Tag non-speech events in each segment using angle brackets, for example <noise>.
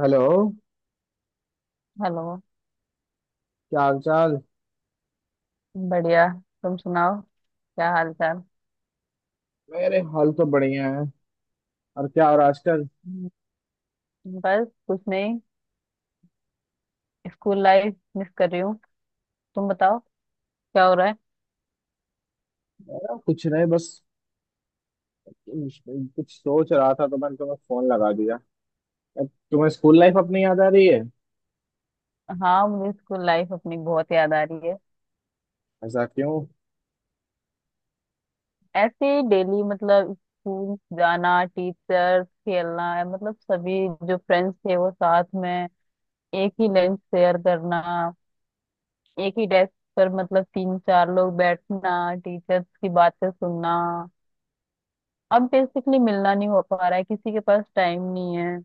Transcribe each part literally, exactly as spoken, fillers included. Hello. Hello. क्या हाल चाल? बढ़िया। तुम सुनाओ, क्या हाल चाल। मेरे हाल तो बढ़िया है। और क्या? और आजकल? हम्म, बस कुछ नहीं, स्कूल लाइफ मिस कर रही हूँ। तुम बताओ क्या हो रहा है। मेरा कुछ नहीं, बस कुछ सोच रहा था तो मैंने तुम्हें फोन लगा दिया। अब तुम्हें स्कूल लाइफ अपनी याद आ रही है? हाँ, मुझे स्कूल लाइफ अपनी बहुत याद आ रही है। ऐसा क्यों? ऐसे ही डेली मतलब स्कूल जाना, टीचर, खेलना, मतलब सभी जो फ्रेंड्स थे वो साथ में, एक ही लंच शेयर करना, एक ही डेस्क पर मतलब तीन चार लोग बैठना, टीचर्स की बातें सुनना। अब बेसिकली मिलना नहीं हो पा रहा है, किसी के पास टाइम नहीं है।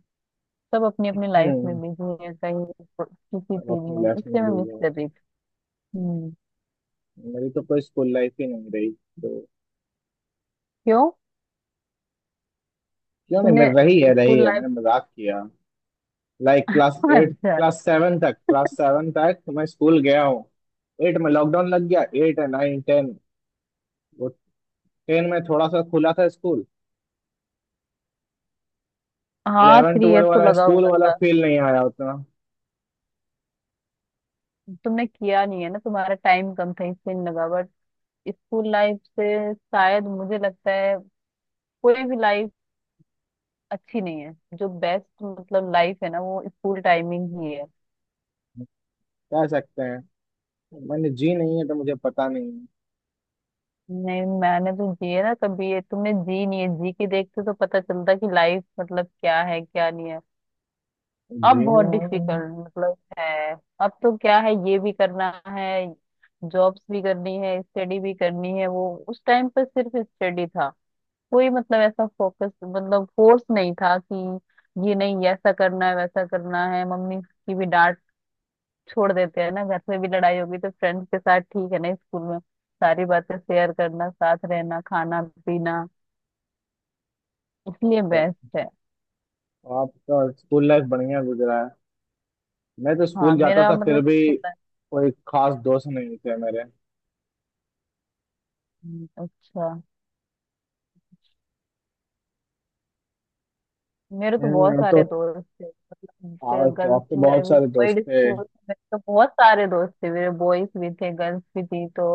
सब अपनी अपनी लाइफ में हम्म बिजी है कहीं को- किसी तब चीज अपनी में, लाइफ में इसलिए मैं गई मिस है। कर रही थी। हम्म। मेरी तो कोई स्कूल लाइफ ही नहीं रही, तो। क्यों। क्यों नहीं, तुमने मेरी रही है, रही स्कूल है, लाइफ। मैंने मजाक किया। लाइक क्लास <laughs> एट अच्छा। क्लास सेवन तक क्लास सेवन तक मैं स्कूल गया हूँ। एट में लॉकडाउन लग गया। एट है, नाइन टेन। वो टेन में थोड़ा सा खुला था स्कूल। हाँ इलेवन थ्री इयर ट्वेल्व तो वाला लगा स्कूल हुआ वाला था। फील नहीं आया उतना। तुमने किया नहीं है ना, तुम्हारा टाइम कम था इसलिए नहीं लगा, बट स्कूल लाइफ से शायद मुझे लगता है कोई भी लाइफ अच्छी नहीं है। जो बेस्ट मतलब लाइफ है ना वो स्कूल टाइमिंग ही है। कह सकते हैं। मैंने जी नहीं है तो मुझे पता नहीं है। नहीं मैंने तो जी है ना, कभी ये तुमने जी नहीं है, जी के देखते तो पता चलता कि लाइफ मतलब क्या है, क्या नहीं है। अब बहुत जीना है। डिफिकल्ट मतलब है। अब तो क्या है, ये भी करना है, जॉब्स भी करनी है, स्टडी भी करनी है, वो उस टाइम पर सिर्फ स्टडी था, कोई मतलब ऐसा फोकस मतलब फोर्स नहीं था कि ये नहीं ये ऐसा करना है वैसा करना है। मम्मी की भी डांट छोड़ देते हैं ना, घर में भी लड़ाई होगी तो फ्रेंड्स के साथ ठीक है ना, स्कूल में सारी बातें शेयर करना, साथ रहना, खाना पीना, इसलिए बेस्ट है। आपका स्कूल लाइफ बढ़िया गुजरा है। मैं तो हाँ स्कूल जाता मेरा था, फिर मतलब भी छोटा- कोई खास दोस्त नहीं थे मेरे। हम्म, अच्छा। मेरे तो हम्म, बहुत अब तो। सारे दोस्त थे, आज मतलब तो, गर्ल्स अब तो में बहुत भी, सारे दोस्त बॉयज थे। स्कूल में तो बहुत सारे दोस्त थे मेरे, बॉयज भी थे गर्ल्स भी थी, तो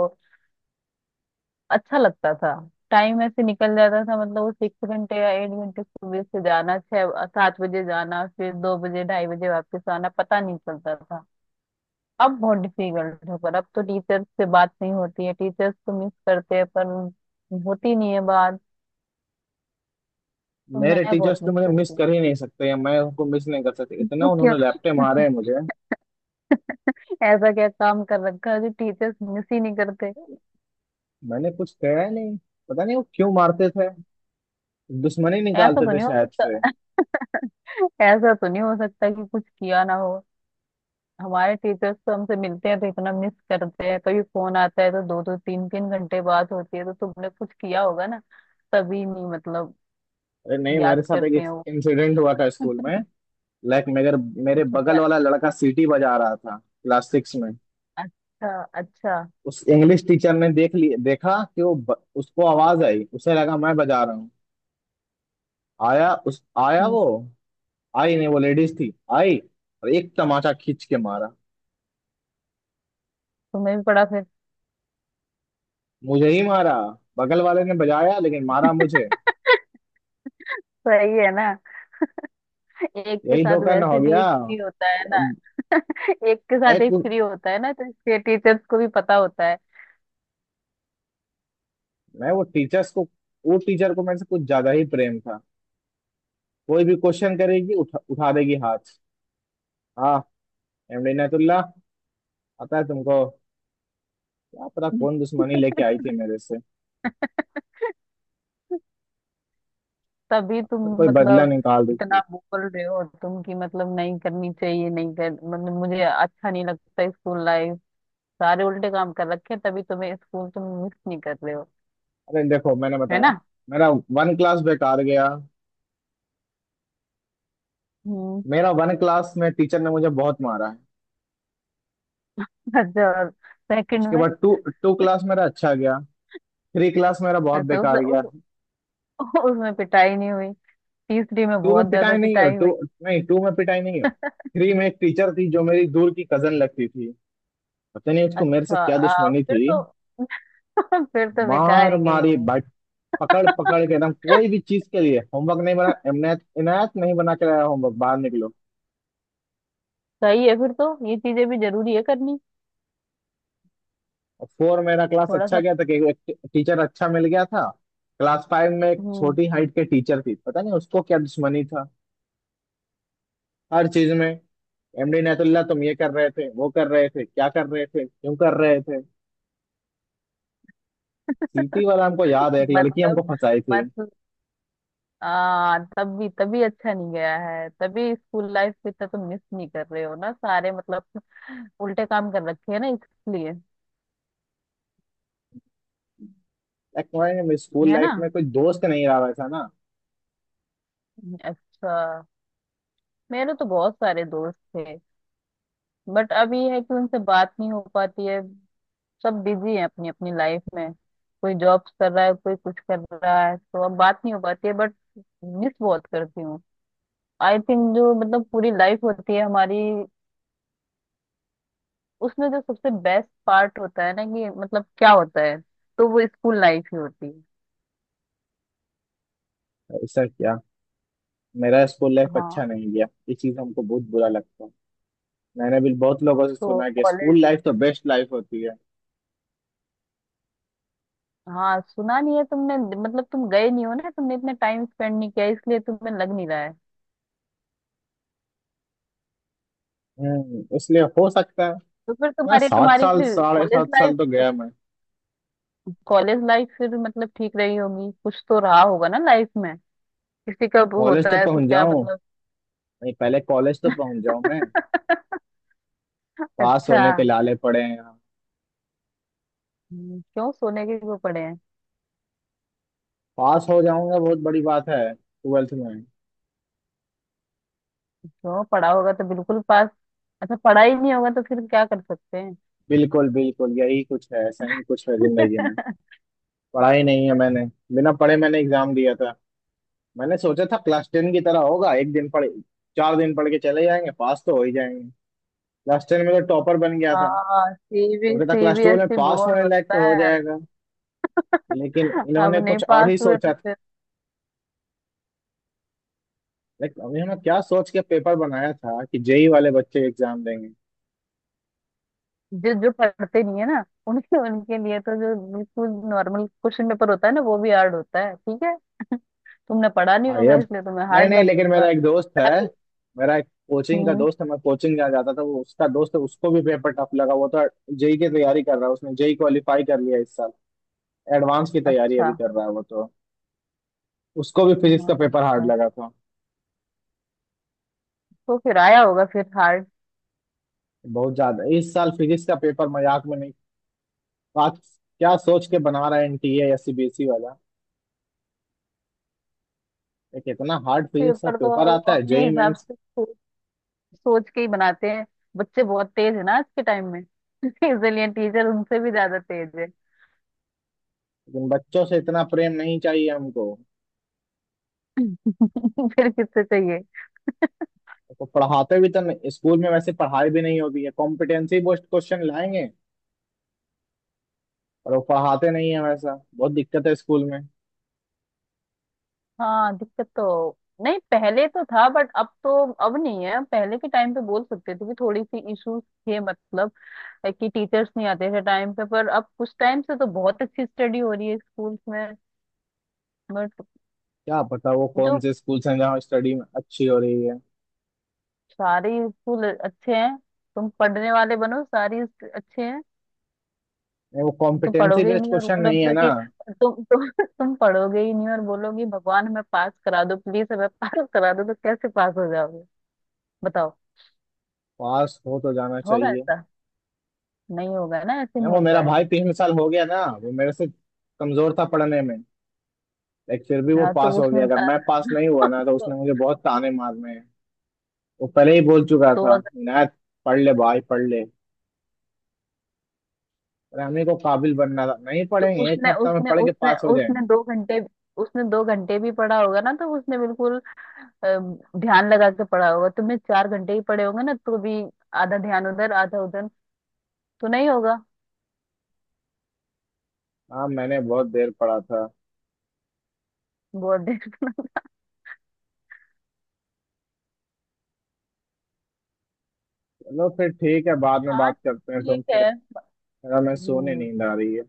अच्छा लगता था। टाइम ऐसे निकल जाता था, मतलब वो सिक्स घंटे या एट घंटे, सुबह से जाना छह सात बजे जाना, फिर दो बजे ढाई बजे वापस आना, पता नहीं चलता था। अब बहुत डिफिकल्ट है, पर अब तो टीचर्स से बात नहीं होती है, टीचर्स तो मिस करते हैं पर होती नहीं है बात, तो मेरे मैं बहुत टीचर्स तो मिस मुझे मिस करती कर ही नहीं सकते, या मैं उनको मिस नहीं कर सकती, हूँ। इतना उन्होंने <laughs> लैपटे मारे हैं मुझे। ऐसा क्या काम कर रखा है जो टीचर्स मिस ही नहीं करते। मैंने कुछ कहा ही नहीं। पता नहीं वो क्यों मारते थे। दुश्मनी ऐसा निकालते तो थे नहीं हो शायद से। सकता। <laughs> ऐसा तो नहीं हो सकता कि कुछ किया ना हो। हमारे टीचर्स तो हमसे मिलते हैं तो इतना मिस करते हैं, कभी फोन आता है तो दो दो तीन तीन घंटे बात होती है, तो तुमने कुछ किया होगा ना तभी, नहीं मतलब। अरे नहीं, मेरे याद साथ करते एक हैं वो। इंसिडेंट हुआ था स्कूल में। लाइक मेरे मेरे अच्छा बगल क्या। वाला लड़का सीटी बजा रहा था क्लास सिक्स में। अच्छा अच्छा। उस इंग्लिश टीचर ने देख लिया। देखा कि वो ब, उसको आवाज आई, उसे लगा मैं बजा रहा हूँ। आया उस आया हम्म, वो, आई नहीं, वो लेडीज थी। आई और एक तमाचा खींच के मारा। तुम्हें भी पढ़ा फिर। मुझे ही मारा। बगल वाले ने बजाया लेकिन मारा मुझे। सही है ना, एक के यही साथ धोखा ना हो वैसे भी गया। एक फ्री होता है ना। <laughs> एक के साथ लाइक एक फ्री होता है ना, तो इसके टीचर्स को भी पता होता है। मैं वो टीचर्स को वो टीचर को मेरे से कुछ ज्यादा ही प्रेम था। कोई भी क्वेश्चन करेगी, उठा उठा देगी हाथ। हाँ। एमडी नेतुल्ला। पता है तुमको? क्या पता <laughs> कौन दुश्मनी लेके आई थी मेरे से। तभी तुम तो कोई बदला मतलब निकाल रही इतना थी। बोल रहे हो तुम कि मतलब नहीं करनी चाहिए, नहीं कर मतलब मुझे अच्छा नहीं लगता स्कूल लाइफ, सारे उल्टे काम कर रखे हैं, तभी तुम्हें स्कूल तुम मिस नहीं कर रहे हो, अरे देखो मैंने है बताया। ना। मेरा वन क्लास बेकार गया। हम्म। मेरा वन क्लास में टीचर ने मुझे बहुत मारा है। <laughs> अच्छा, और सेकंड उसके में बाद टू टू क्लास मेरा अच्छा गया। थ्री क्लास मेरा बहुत अच्छा उस, बेकार गया। उस उसमें पिटाई नहीं हुई, तीसरी में टू में बहुत ज्यादा पिटाई नहीं है पिटाई टू हुई। नहीं टू में पिटाई नहीं है। थ्री में एक टीचर थी जो मेरी दूर की कजन लगती थी। पता नहीं उसको मेरे से अच्छा क्या आ, दुश्मनी फिर थी। तो <laughs> फिर तो बेकार मार ही गई मारी, होगी। बट पकड़ पकड़ के एकदम, कोई भी चीज के लिए। होमवर्क नहीं बना, इनायत, इनायत नहीं बना के लाया होमवर्क, बाहर निकलो। सही है, फिर तो ये चीजें भी जरूरी है करनी। और फोर मेरा क्लास थोड़ा अच्छा सा। गया था कि एक टीचर अच्छा मिल गया था। क्लास फाइव में एक हम्म। छोटी हाइट के टीचर थी, पता नहीं उसको क्या दुश्मनी था। हर चीज में एमडी इनायतुल्ला, तुम ये कर रहे थे, वो कर रहे थे, क्या कर रहे थे, क्यों कर रहे थे। सीटी वाला हमको <laughs> याद है, एक लड़की हमको फंसाई थी। मतलब हाँ, तभी तभी अच्छा नहीं गया है, तभी स्कूल लाइफ को इतना तुम मिस नहीं कर रहे हो ना, सारे मतलब उल्टे काम कर रखे हैं ना, इसलिए। एक स्कूल है ना। लाइफ में कोई दोस्त नहीं रहा वैसा ना। अच्छा। मेरे तो बहुत सारे दोस्त थे, बट अब ये है कि उनसे बात नहीं हो पाती है, सब बिजी हैं अपनी अपनी लाइफ में, कोई जॉब्स कर रहा है कोई कुछ कर रहा है, तो अब बात नहीं हो पाती है, बट मिस बहुत करती हूँ। आई थिंक जो मतलब पूरी लाइफ होती है हमारी, उसमें जो सबसे बेस्ट पार्ट होता है ना कि मतलब क्या होता है, तो वो स्कूल लाइफ ही होती है। ऐसा क्या? मेरा स्कूल लाइफ अच्छा हाँ। नहीं गया, ये चीज हमको बहुत बुरा लगता है। मैंने भी बहुत लोगों से तो सुना है कि कॉलेज। स्कूल लाइफ तो बेस्ट लाइफ होती है। हाँ सुना नहीं है तुमने, मतलब तुम गए नहीं हो ना, तुमने इतना टाइम स्पेंड नहीं किया इसलिए तुम्हें लग नहीं रहा है। हम्म इसलिए हो सकता है। तो फिर मैं तुम्हारी सात तुम्हारी साल फिर साढ़े कॉलेज सात लाइफ, साल तो गया मैं। कॉलेज लाइफ फिर मतलब ठीक रही होगी, कुछ तो रहा होगा ना लाइफ में, किसी का वो कॉलेज होता तो है तो पहुंच क्या जाऊं मतलब। नहीं, पहले कॉलेज तो पहुंच जाऊं मैं। <laughs> पास अच्छा। होने के लाले पड़े हैं यहाँ। हम्म, क्यों सोने के क्यों पड़े हैं। पास हो जाऊंगा बहुत बड़ी बात है ट्वेल्थ में। क्यों, पढ़ा होगा तो बिल्कुल पास। अच्छा पढ़ा ही नहीं होगा तो फिर क्या कर सकते हैं। बिल्कुल बिल्कुल, यही कुछ है, ऐसा ही कुछ है जिंदगी में। हाँ पढ़ाई नहीं है मैंने। बिना पढ़े मैंने एग्जाम दिया था। मैंने सोचा था क्लास टेन की तरह होगा। एक दिन पढ़ चार दिन पढ़ के चले जाएंगे, पास तो हो ही जाएंगे। क्लास टेन में तो टॉपर बन गया था। सीबी सोचा था क्लास ट्वेल्व में सीबीएसई पास बोर्ड होने लायक होता तो हो है। जाएगा। लेकिन <laughs> अब इन्होंने नहीं कुछ और पास ही हुए सोचा तो था। फिर। लेकिन अब इन्होंने क्या सोच के पेपर बनाया था कि जेई वाले बच्चे एग्जाम देंगे। जो जो पढ़ते नहीं है ना, उनके उनके लिए तो जो बिल्कुल नॉर्मल क्वेश्चन पेपर होता है ना वो भी हार्ड होता है, ठीक है। तुमने पढ़ा नहीं हाँ, ये होगा अब। इसलिए तुम्हें नहीं हार्ड नहीं, लग लेकिन रहा होगा। मेरा एक दोस्त है। तभी। मेरा एक कोचिंग का हम्म। दोस्त है। मैं कोचिंग जा जाता था, वो उसका दोस्त है, उसको भी पेपर टफ लगा। वो तो जेई की तैयारी कर रहा है, उसने जेई क्वालिफाई कर लिया इस साल। एडवांस की तैयारी अच्छा। अभी कर रहा है वो तो। उसको भी फिजिक्स हम्म, का पेपर हार्ड अच्छा, लगा था। तो फिर आया होगा फिर हार्ड बहुत ज्यादा, इस साल फिजिक्स का पेपर मजाक में नहीं। आज क्या सोच के बना रहा है एनटीए या सीबीएसई वाला, एक इतना हार्ड फिजिक्स का पेपर, तो पेपर आता है अपने जेई हिसाब मेंस। से सोच सोच के ही बनाते हैं। बच्चे बहुत तेज है ना आज के टाइम में। <laughs> इसलिए टीचर उनसे भी ज्यादा तेज लेकिन बच्चों से इतना प्रेम नहीं चाहिए हमको। है। <laughs> फिर किससे चाहिए। तो पढ़ाते भी तो नहीं स्कूल में, वैसे पढ़ाई भी नहीं होती है। कॉम्पिटेंसी बेस्ड क्वेश्चन लाएंगे और वो पढ़ाते नहीं है वैसा, बहुत दिक्कत है स्कूल में। हाँ दिक्कत तो नहीं पहले तो था, बट अब तो अब नहीं है, पहले के टाइम पे बोल सकते थे कि थोड़ी सी इश्यूज थे, मतलब है कि टीचर्स नहीं आते थे टाइम पे, पर अब कुछ टाइम से तो बहुत अच्छी स्टडी हो रही है स्कूल्स में, बट क्या पता वो कौन जो से स्कूल हैं जहाँ स्टडी में अच्छी हो रही है। सारे स्कूल अच्छे हैं, तुम पढ़ने वाले बनो सारे अच्छे हैं। नहीं, वो तुम कॉम्पिटेंसी पढ़ोगे ही बेस्ड नहीं और क्वेश्चन नहीं है ना। बोलोगे कि तुम तुम तुम पढ़ोगे ही नहीं और बोलोगे भगवान हमें पास करा दो, प्लीज हमें पास करा दो, तो कैसे पास हो जाओगे बताओ। पास हो तो जाना होगा चाहिए। ऐसा, नहीं होगा ना, ऐसे नहीं, नहीं वो होता मेरा है। भाई पिछले साल हो गया ना, वो मेरे से कमजोर था पढ़ने में। लाइक फिर भी वो हाँ पास तो हो उसने गया। अगर अ, मैं पास नहीं हुआ ना, <laughs> तो उसने तो, मुझे बहुत ताने मारने हैं। वो पहले ही बोल चुका तो था, अगर, नायत पढ़ ले भाई, पढ़ ले। पर हमें को काबिल बनना था, नहीं तो पढ़ेंगे, एक उसने हफ्ता में उसने पढ़ के उसने पास हो उसने जाएंगे। दो घंटे, उसने दो घंटे भी पढ़ा होगा ना, तो उसने बिल्कुल अ, ध्यान लगा के पढ़ा होगा, तुमने चार घंटे ही पढ़े होंगे ना तो भी आधा ध्यान उधर आधा उधर, तो नहीं होगा। हाँ, मैंने बहुत देर पढ़ा था। बहुत देर। <laughs> चलो फिर ठीक है, बाद में हाँ बात ठीक करते हैं ठीक तुमसे। है। मेरा मैं सोने, हम्म। नींद आ रही है।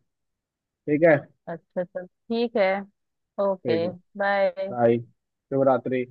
ठीक है। अच्छा चल ठीक है। ठीक ओके। है। बाय। बाय। शुभ रात्रि।